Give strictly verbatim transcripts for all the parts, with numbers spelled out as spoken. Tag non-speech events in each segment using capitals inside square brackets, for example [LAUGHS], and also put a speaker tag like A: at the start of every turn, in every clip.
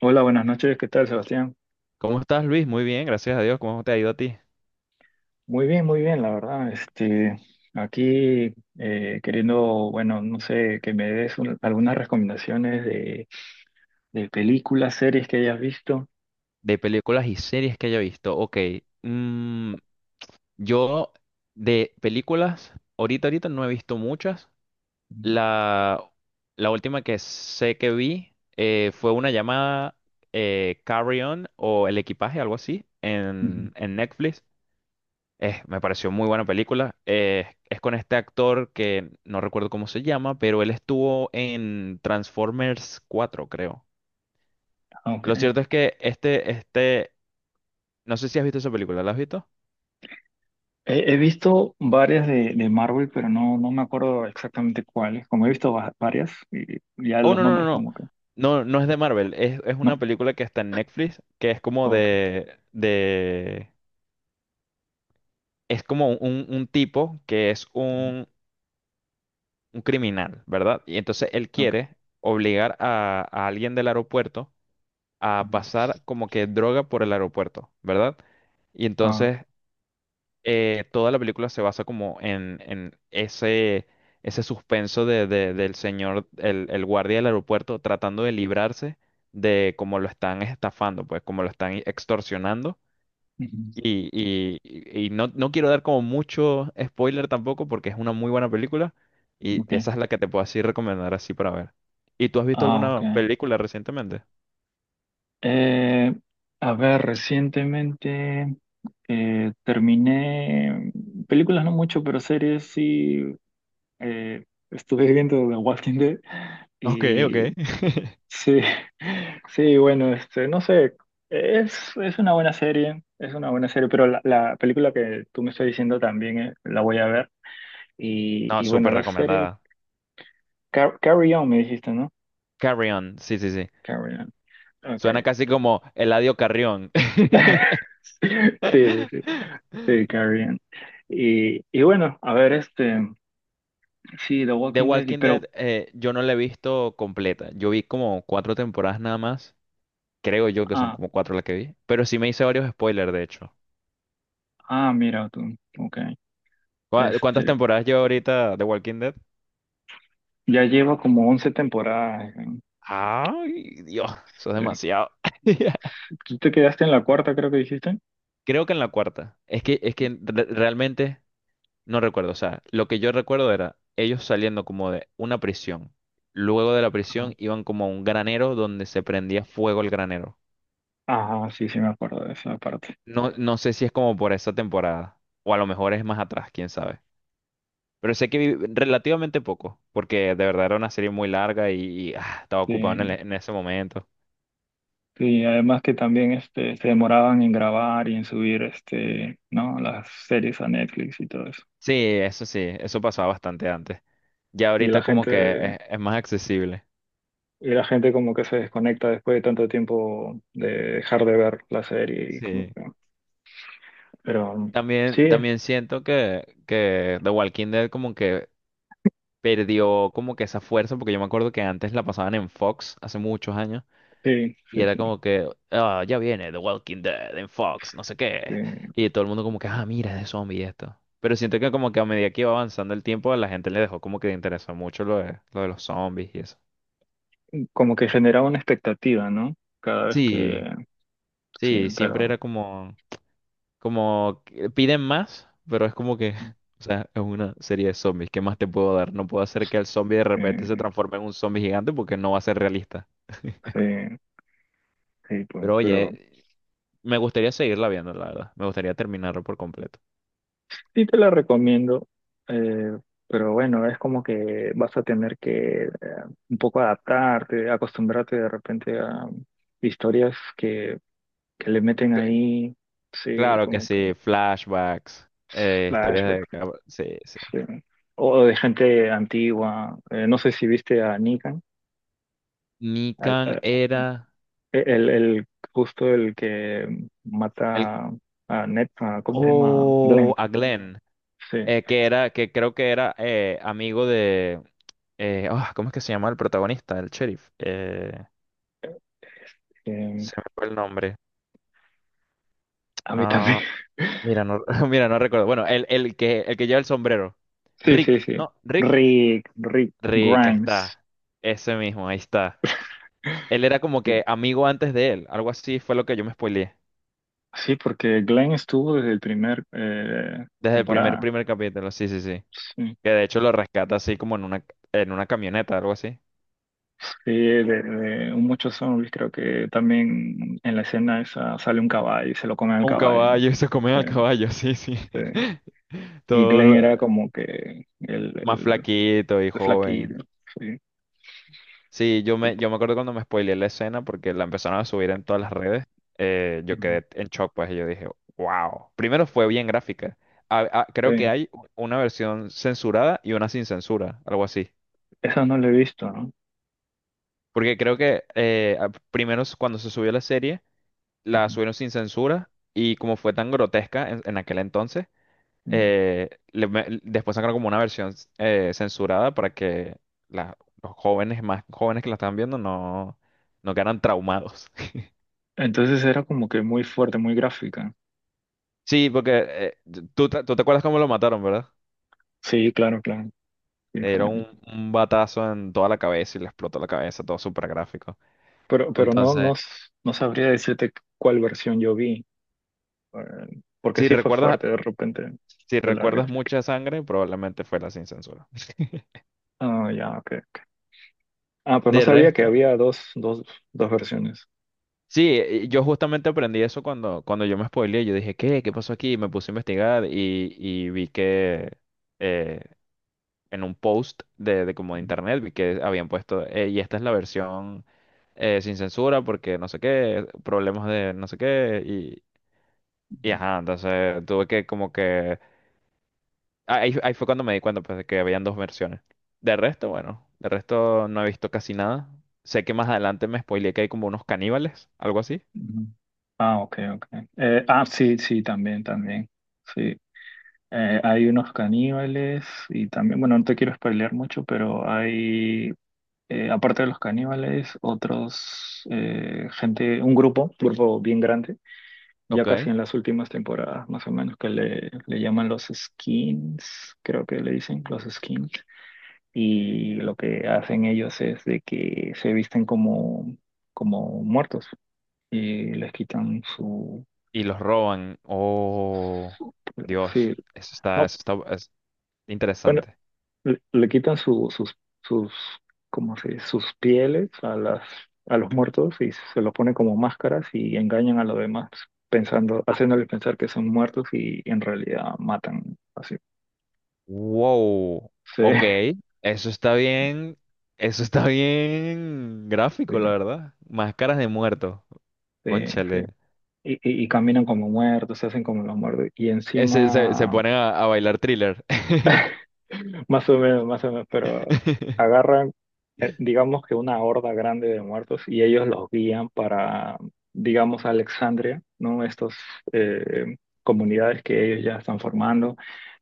A: Hola, buenas noches, ¿qué tal, Sebastián?
B: ¿Cómo estás, Luis? Muy bien, gracias a Dios. ¿Cómo te ha ido a ti?
A: Muy bien, muy bien, la verdad. Este, aquí eh, queriendo, bueno, no sé, que me des un- algunas recomendaciones de, de películas, series que hayas visto.
B: De películas y series que haya visto. Ok, mm, yo de películas, ahorita, ahorita no he visto muchas.
A: Ujú.
B: La, la última que sé que vi eh, fue una llamada eh, Carry On o El Equipaje, algo así,
A: Ujú.
B: en, en Netflix. Eh, me pareció muy buena película. Eh, es con este actor que no recuerdo cómo se llama, pero él estuvo en Transformers cuatro, creo.
A: Ok.
B: Lo cierto es que este, este, no sé si has visto esa película, ¿la has visto?
A: He, he visto varias de, de Marvel, pero no, no me acuerdo exactamente cuáles. Como he visto va- varias, y ya
B: Oh,
A: los
B: no, no, no,
A: nombres
B: no.
A: como que,
B: No, no es de Marvel, es, es
A: no.
B: una película que está en Netflix, que es como
A: Ok.
B: de, de, es como un, un tipo que es
A: Ujú.
B: un, un criminal, ¿verdad? Y entonces él
A: Ok.
B: quiere obligar a, a alguien del aeropuerto a
A: Ujú.
B: pasar como que droga por el aeropuerto, ¿verdad? Y
A: Ah,
B: entonces eh, toda la película se basa como en, en ese, ese suspenso de, de- del señor, el, el guardia del aeropuerto, tratando de librarse de cómo lo están estafando, pues cómo lo están extorsionando.
A: ujú.
B: Y, y- y- y no, no quiero dar como mucho spoiler tampoco porque es una muy buena película y
A: Ok.
B: esa es la que te puedo así recomendar así para ver. ¿Y tú has visto
A: Ah, ok.
B: alguna película recientemente?
A: Eh, a ver, recientemente eh, terminé mm, películas no mucho, pero series sí. eh, Estuve viendo The Walking Dead
B: Ok, ok.
A: y
B: [LAUGHS]
A: sí, [LAUGHS] sí, bueno, este, no sé, es, es una buena serie, es una buena serie, pero la, la película que tú me estás diciendo también eh, la voy a ver y,
B: No,
A: y bueno,
B: súper
A: la serie
B: recomendada.
A: Car- Carry On me dijiste, ¿no?
B: Carry On, sí, sí, sí.
A: Carry On, ok.
B: Suena casi como Eladio Carrión. [LAUGHS]
A: [LAUGHS] Sí, sí, sí. Sí, Carrie Ann. Y, y bueno, a ver, este, sí, The
B: The
A: Walking Dead, y-
B: Walking Dead,
A: pero,
B: eh, yo no la he visto completa. Yo vi como cuatro temporadas nada más. Creo yo que son
A: ah,
B: como cuatro las que vi. Pero sí me hice varios spoilers, de hecho.
A: ah, mira tú, ok,
B: ¿Cuá- ¿Cuántas
A: este,
B: temporadas lleva ahorita The Walking Dead?
A: ya lleva como once temporadas. ¿No?
B: Ay, Dios, eso es
A: Sí.
B: demasiado. [LAUGHS]
A: ¿Tú te quedaste en la cuarta, creo que dijiste?
B: Creo que en la cuarta. Es que, es que re- realmente. No recuerdo, o sea, lo que yo recuerdo era ellos saliendo como de una prisión. Luego de la
A: Ajá.
B: prisión iban como a un granero donde se prendía fuego el granero.
A: Ajá, sí, sí, me acuerdo de esa parte.
B: No, no sé si es como por esa temporada, o a lo mejor es más atrás, quién sabe. Pero sé que vi relativamente poco, porque de verdad era una serie muy larga y, y, ah, estaba ocupado en, el-
A: Sí,
B: en ese momento.
A: sí, además que también, este, se demoraban en grabar y en subir, este, ¿no? Las series a Netflix y todo eso.
B: Sí, eso sí, eso pasaba bastante antes. Ya
A: Y la
B: ahorita como que
A: gente,
B: es, es más accesible.
A: y la gente como que se desconecta después de tanto tiempo de dejar de ver la serie y como
B: Sí.
A: que pero
B: También,
A: sí,
B: también siento que, que The Walking Dead como que perdió como que esa fuerza, porque yo me acuerdo que antes la pasaban en Fox hace muchos años,
A: sí,
B: y
A: sí,
B: era
A: sí,
B: como que, ah, ya viene The Walking Dead en Fox, no sé qué,
A: sí.
B: y todo el mundo como que, ah, mira, es de zombie esto. Pero siento que como que a medida que iba avanzando el tiempo, a la gente le dejó como que le interesó mucho lo de, lo de los zombies y eso.
A: Como que generaba una expectativa, ¿no? Cada vez que...
B: Sí,
A: Sí,
B: sí, siempre
A: pero...
B: era como, como, que piden más, pero es como que,
A: Sí,
B: [LAUGHS] o sea, es una serie de zombies, ¿qué más te puedo dar? No puedo hacer que el zombie de repente se transforme en un zombie gigante porque no va a ser realista.
A: sí, sí, pues,
B: Pero
A: pero
B: oye, me gustaría seguirla viendo, la verdad. Me gustaría terminarlo por completo.
A: sí te la recomiendo. eh, pero bueno, es como que vas a tener que eh, un poco adaptarte, acostumbrarte de repente a historias que, que le meten
B: Cl-
A: ahí, sí,
B: Claro que
A: como que
B: sí, flashbacks, eh, historias
A: flashbacks,
B: de... cab- Sí, sí.
A: sí. O de gente antigua. Eh, no sé si viste a Negan.
B: Nikan era
A: El, el justo el que
B: el.
A: mata a Ned, a- ¿cómo se llama? Glenn.
B: Oh, a Glenn,
A: Sí.
B: eh, que era, que creo que era eh, amigo de... eh, ah, ¿Cómo es que se llama el protagonista, el sheriff? Eh,
A: Eh,
B: se me fue el nombre.
A: a mí también.
B: Ah, mira,
A: [LAUGHS]
B: no, [LAUGHS] mira, no recuerdo. Bueno, el, el que, el que lleva el sombrero.
A: Sí, sí,
B: Rick,
A: sí.
B: ¿no? Rick.
A: Rick, Rick
B: Rick, ahí
A: Grimes.
B: está. Ese mismo, ahí está. Él era como
A: Sí,
B: que amigo antes de él, algo así fue lo que yo me spoileé.
A: sí, porque Glenn estuvo desde el primer eh,
B: Desde el primer,
A: temporada.
B: primer capítulo, sí, sí, sí.
A: Sí,
B: Que de hecho lo rescata así como en una, en una camioneta, algo así.
A: sí, de, de muchos zombies creo que también en la escena esa sale un caballo y se lo come al
B: Un
A: caballo.
B: caballo, [LAUGHS] y se comen al
A: Sí,
B: caballo, sí, sí.
A: sí.
B: [LAUGHS]
A: Y
B: Todo
A: Glenn
B: lo-
A: era como que el,
B: más
A: el,
B: flaquito y
A: el
B: joven.
A: flaquillo. Sí.
B: Sí, yo
A: Ujú,
B: me, yo me acuerdo cuando me spoileé la escena porque la empezaron a subir en todas las redes. eh, yo quedé en shock, pues, y yo dije, wow. Primero fue bien gráfica. Ah, ah, creo que
A: sí,
B: hay una versión censurada y una sin censura, algo así.
A: eso no lo he visto, ¿no?
B: Porque creo que eh, a- primero s- cuando se subió la serie, la
A: Ujú.
B: subieron sin censura y como fue tan grotesca en, en aquel entonces,
A: Mm.
B: eh, le me- l- después sacaron como una versión s- eh, censurada para que la- los jóvenes, más jóvenes que la estaban viendo, no, no quedaran traumados. [LAUGHS]
A: Entonces era como que muy fuerte, muy gráfica.
B: Sí, porque eh, t- tú, te tú te acuerdas cómo lo mataron, ¿verdad?
A: Sí, claro, claro. sí,
B: Era
A: fue-
B: un, un batazo en toda la cabeza y le explotó la cabeza, todo súper gráfico.
A: Pero, pero no, no,
B: Entonces,
A: s- no sabría decirte cuál versión yo vi, eh, porque
B: si
A: sí fue
B: recuerdas,
A: fuerte de repente
B: si
A: fue la
B: recuerdas
A: gráfica.
B: mucha sangre, probablemente fue la sin censura. [LAUGHS]
A: Ah, ya, ok, ok. Ah, pero no
B: De
A: sabía que
B: resto.
A: había dos, dos, dos versiones.
B: Sí, eh, yo justamente aprendí eso cuando, cuando yo me spoileé. Yo dije, ¿qué? ¿Qué pasó aquí? Y me puse a investigar y, y vi que eh, en un post de, de como de internet vi que habían puesto, "Eh, y esta es la versión eh, sin censura porque no sé qué, problemas de no sé qué. Y, y ajá, entonces tuve que como que... ah, Ahí, ahí fue cuando me di cuenta pues, de que habían dos versiones. De resto, bueno, de resto no he visto casi nada. Sé que más adelante me spoileé que hay como unos caníbales, algo así.
A: Ujú. Ah, ok, ok. Eh, ah, sí, sí, también, también. Sí. Eh, hay unos caníbales y también, bueno, no te quiero spoilear mucho, pero hay, eh, aparte de los caníbales, otros, eh, gente, un grupo, un grupo bien grande, ya casi
B: Ok,
A: en las últimas temporadas, más o menos, que le, le llaman los skins, creo que le dicen los skins, y lo que hacen ellos es de que se visten como, como muertos y les quitan su,
B: y los roban. Oh,
A: sí,
B: Dios, eso está,
A: no.
B: eso está es
A: Bueno,
B: interesante.
A: le, le quitan su- sus, sus, ¿cómo se dice? Sus pieles a las, a los muertos y se los ponen como máscaras y engañan a los demás, pensando, haciéndoles pensar que son muertos y en realidad matan así.
B: Wow,
A: Sí, [LAUGHS]
B: ok, eso está bien, eso está bien
A: sí,
B: gráfico, la verdad. Máscaras de muertos,
A: sí, sí.
B: cónchale.
A: Y, y- y caminan como muertos, se hacen como los muertos. Y
B: Ese- se, se
A: encima
B: ponen a, a bailar thriller.
A: más o menos, más o menos, pero
B: [LAUGHS]
A: agarran, eh, digamos que una horda grande de muertos y ellos los guían para, digamos, Alexandria, ¿no? Estas comunidades que ellos ya están formando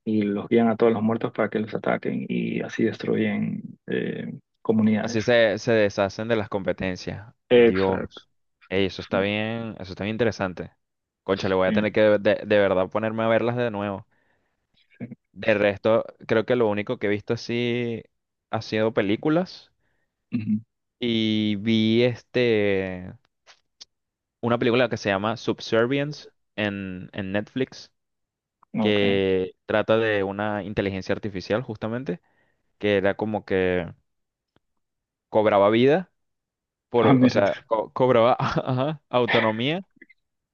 A: y los guían a todos los muertos para que los ataquen y así destruyen eh,
B: Así
A: comunidades.
B: se, se deshacen de las competencias.
A: Exacto.
B: Dios. Ey, eso está bien, eso está bien interesante. Concha, le voy a
A: Sí,
B: tener que de, de verdad ponerme a verlas de nuevo.
A: sí.
B: De resto, creo que lo único que he visto así ha sido películas. Y vi este una película que se llama Subservience en, en Netflix,
A: Ujú. Ok.
B: que trata de una inteligencia artificial, justamente, que era como que cobraba vida
A: Ah,
B: por, o
A: mira tú.
B: sea, co- cobraba [LAUGHS] ajá, autonomía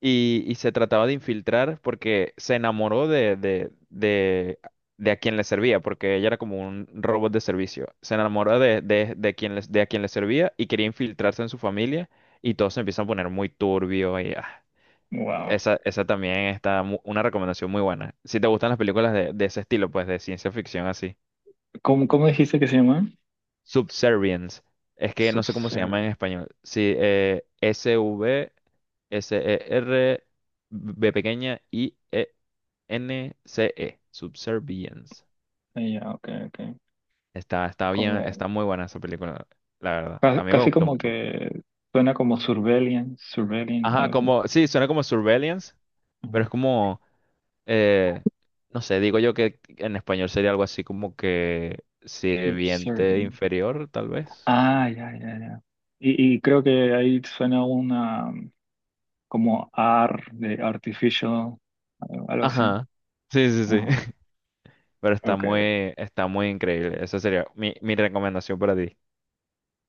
B: y, y se trataba de infiltrar porque se enamoró de, de, de, de a quien le servía, porque ella era como un robot de servicio. Se enamoró de, de, de quien les- de a quien le servía y quería infiltrarse en su familia y todo se empieza a poner muy turbio y ah,
A: Wow.
B: esa, esa también está mu- una recomendación muy buena. Si te gustan las películas de, de ese estilo, pues de ciencia ficción así.
A: ¿Cómo, cómo dijiste que se llama?
B: Subservience. Es que no sé cómo se llama
A: Subservient.
B: en español. Sí, eh, S-V-S-E-R, B pequeña, i E N C E, Subservience.
A: Ah, ya, ok, ok.
B: Está, está bien,
A: Como
B: está muy buena esa película, la verdad.
A: Ca-
B: A mí me
A: casi
B: gustó
A: como
B: mucho.
A: que suena como surveillant, surveillant,
B: Ajá,
A: algo así.
B: como, sí, suena como Surveillance,
A: Ajá.
B: pero es como, eh, no sé, digo yo que en español sería algo así como que sirviente
A: Subservient.
B: inferior, tal vez.
A: Ah, ya, ya, ya. Y, y creo que ahí suena una um, como A R de artificial, algo algo así.
B: Ajá, sí, sí, sí,
A: Ah,
B: [LAUGHS] pero está
A: ok.
B: muy, está muy increíble. Esa sería mi, mi recomendación para ti.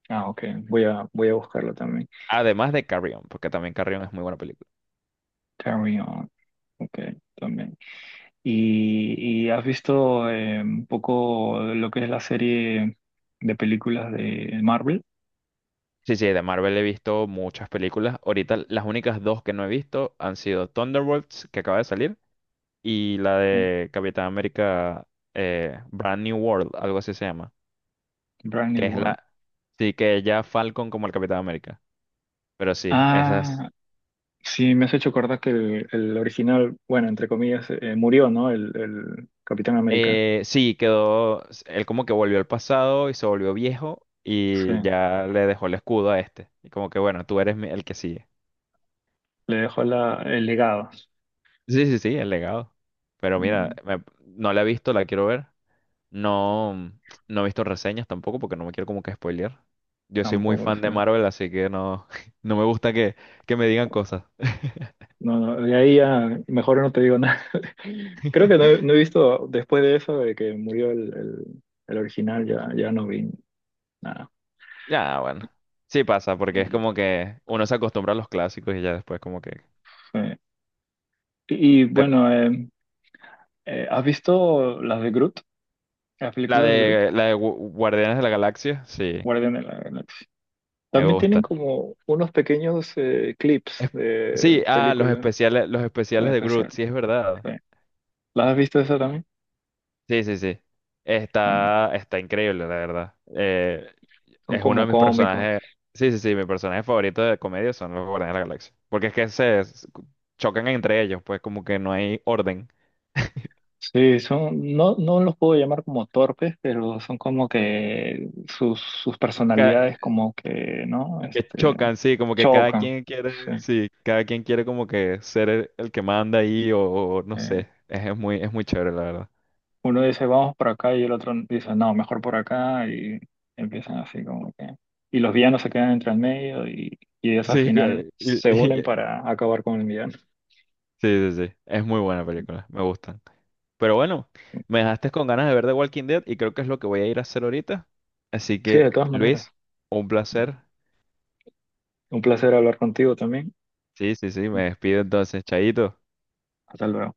A: Ah, ok. Voy a, voy a buscarlo también.
B: Además de Carrion, porque también Carrion es muy buena película.
A: Carry on. Ok, también. ¿Y, y has visto eh, un poco lo que es la serie de películas de Marvel?
B: Sí, sí, de Marvel he visto muchas películas. Ahorita las únicas dos que no he visto han sido Thunderbolts, que acaba de salir, y la
A: Ok,
B: de Capitán América eh, Brand New World, algo así se llama.
A: Brand
B: Que
A: New
B: es
A: World.
B: la. Sí, que ya Falcon como el Capitán América. Pero sí, esas.
A: Ah, sí, me has hecho acordar que el, el original, bueno, entre comillas, eh, murió, ¿no? El, el Capitán América.
B: eh, sí, quedó. Él como que volvió al pasado y se volvió viejo
A: Sí,
B: y ya le dejó el escudo a este. Y como que bueno, tú eres mi- el que sigue.
A: le dejó la, el legado.
B: Sí, sí, sí, el legado. Pero mira,
A: Mm,
B: me- no la he visto, la quiero ver. No, no he visto reseñas tampoco porque no me quiero como que spoilear. Yo soy muy
A: tampoco,
B: fan de
A: sí.
B: Marvel, así que no, [LAUGHS] no me gusta que, que me digan cosas.
A: No, no, de ahí ya mejor no te digo nada. [LAUGHS] Creo que no, he no
B: [LAUGHS]
A: he visto, después de eso, de que murió el, el, el original, ya, ya no vi nada.
B: Ya, bueno. Sí pasa, porque es
A: Y,
B: como que uno se acostumbra a los clásicos y ya después como que...
A: sí. Y, y,
B: Pero
A: bueno, eh, eh, ¿has visto las de Groot? Las
B: la
A: películas de Groot,
B: de, la de Gu- Guardianes de la Galaxia, sí,
A: Guardián de la Galaxia.
B: me
A: También tienen
B: gusta.
A: como unos pequeños eh, clips
B: Es- Sí,
A: de
B: ah, los
A: películas
B: especiales, los
A: para
B: especiales de
A: especial.
B: Groot, sí es verdad.
A: Sí. ¿Las has visto esa también?
B: Sí, sí, sí.
A: También.
B: Está, está increíble, la verdad. Eh,
A: Son
B: Es uno de
A: como
B: mis
A: cómicos.
B: personajes. Sí, sí, sí, mi personaje favorito de comedia son los Guardianes de la Galaxia. Porque es que se s- chocan entre ellos, pues como que no hay orden. [LAUGHS]
A: Sí, son, no, no los puedo llamar como torpes, pero son como que sus, sus
B: Ca-
A: personalidades como que, ¿no?
B: Que,
A: Este,
B: chocan, sí, como que cada
A: chocan.
B: quien
A: Sí.
B: quiere, sí, cada quien quiere como que ser el, el que manda ahí o, o no
A: Eh,
B: sé. Es, es muy, es muy chévere, la verdad.
A: uno dice, vamos por acá, y el otro dice, no, mejor por acá, y empiezan así como que... Y los villanos se quedan entre el medio y, y ellos al
B: Sí, [LAUGHS]
A: final
B: que- y-
A: se unen
B: y-
A: para acabar con el villano.
B: sí, sí, sí. Es muy buena película, me gustan. Pero bueno, me dejaste con ganas de ver The Walking Dead y creo que es lo que voy a ir a hacer ahorita. Así
A: Sí, de
B: que,
A: todas maneras.
B: Luis, un placer.
A: Un placer hablar contigo también.
B: Sí, sí, sí, me despido entonces, Chaito.
A: Hasta luego.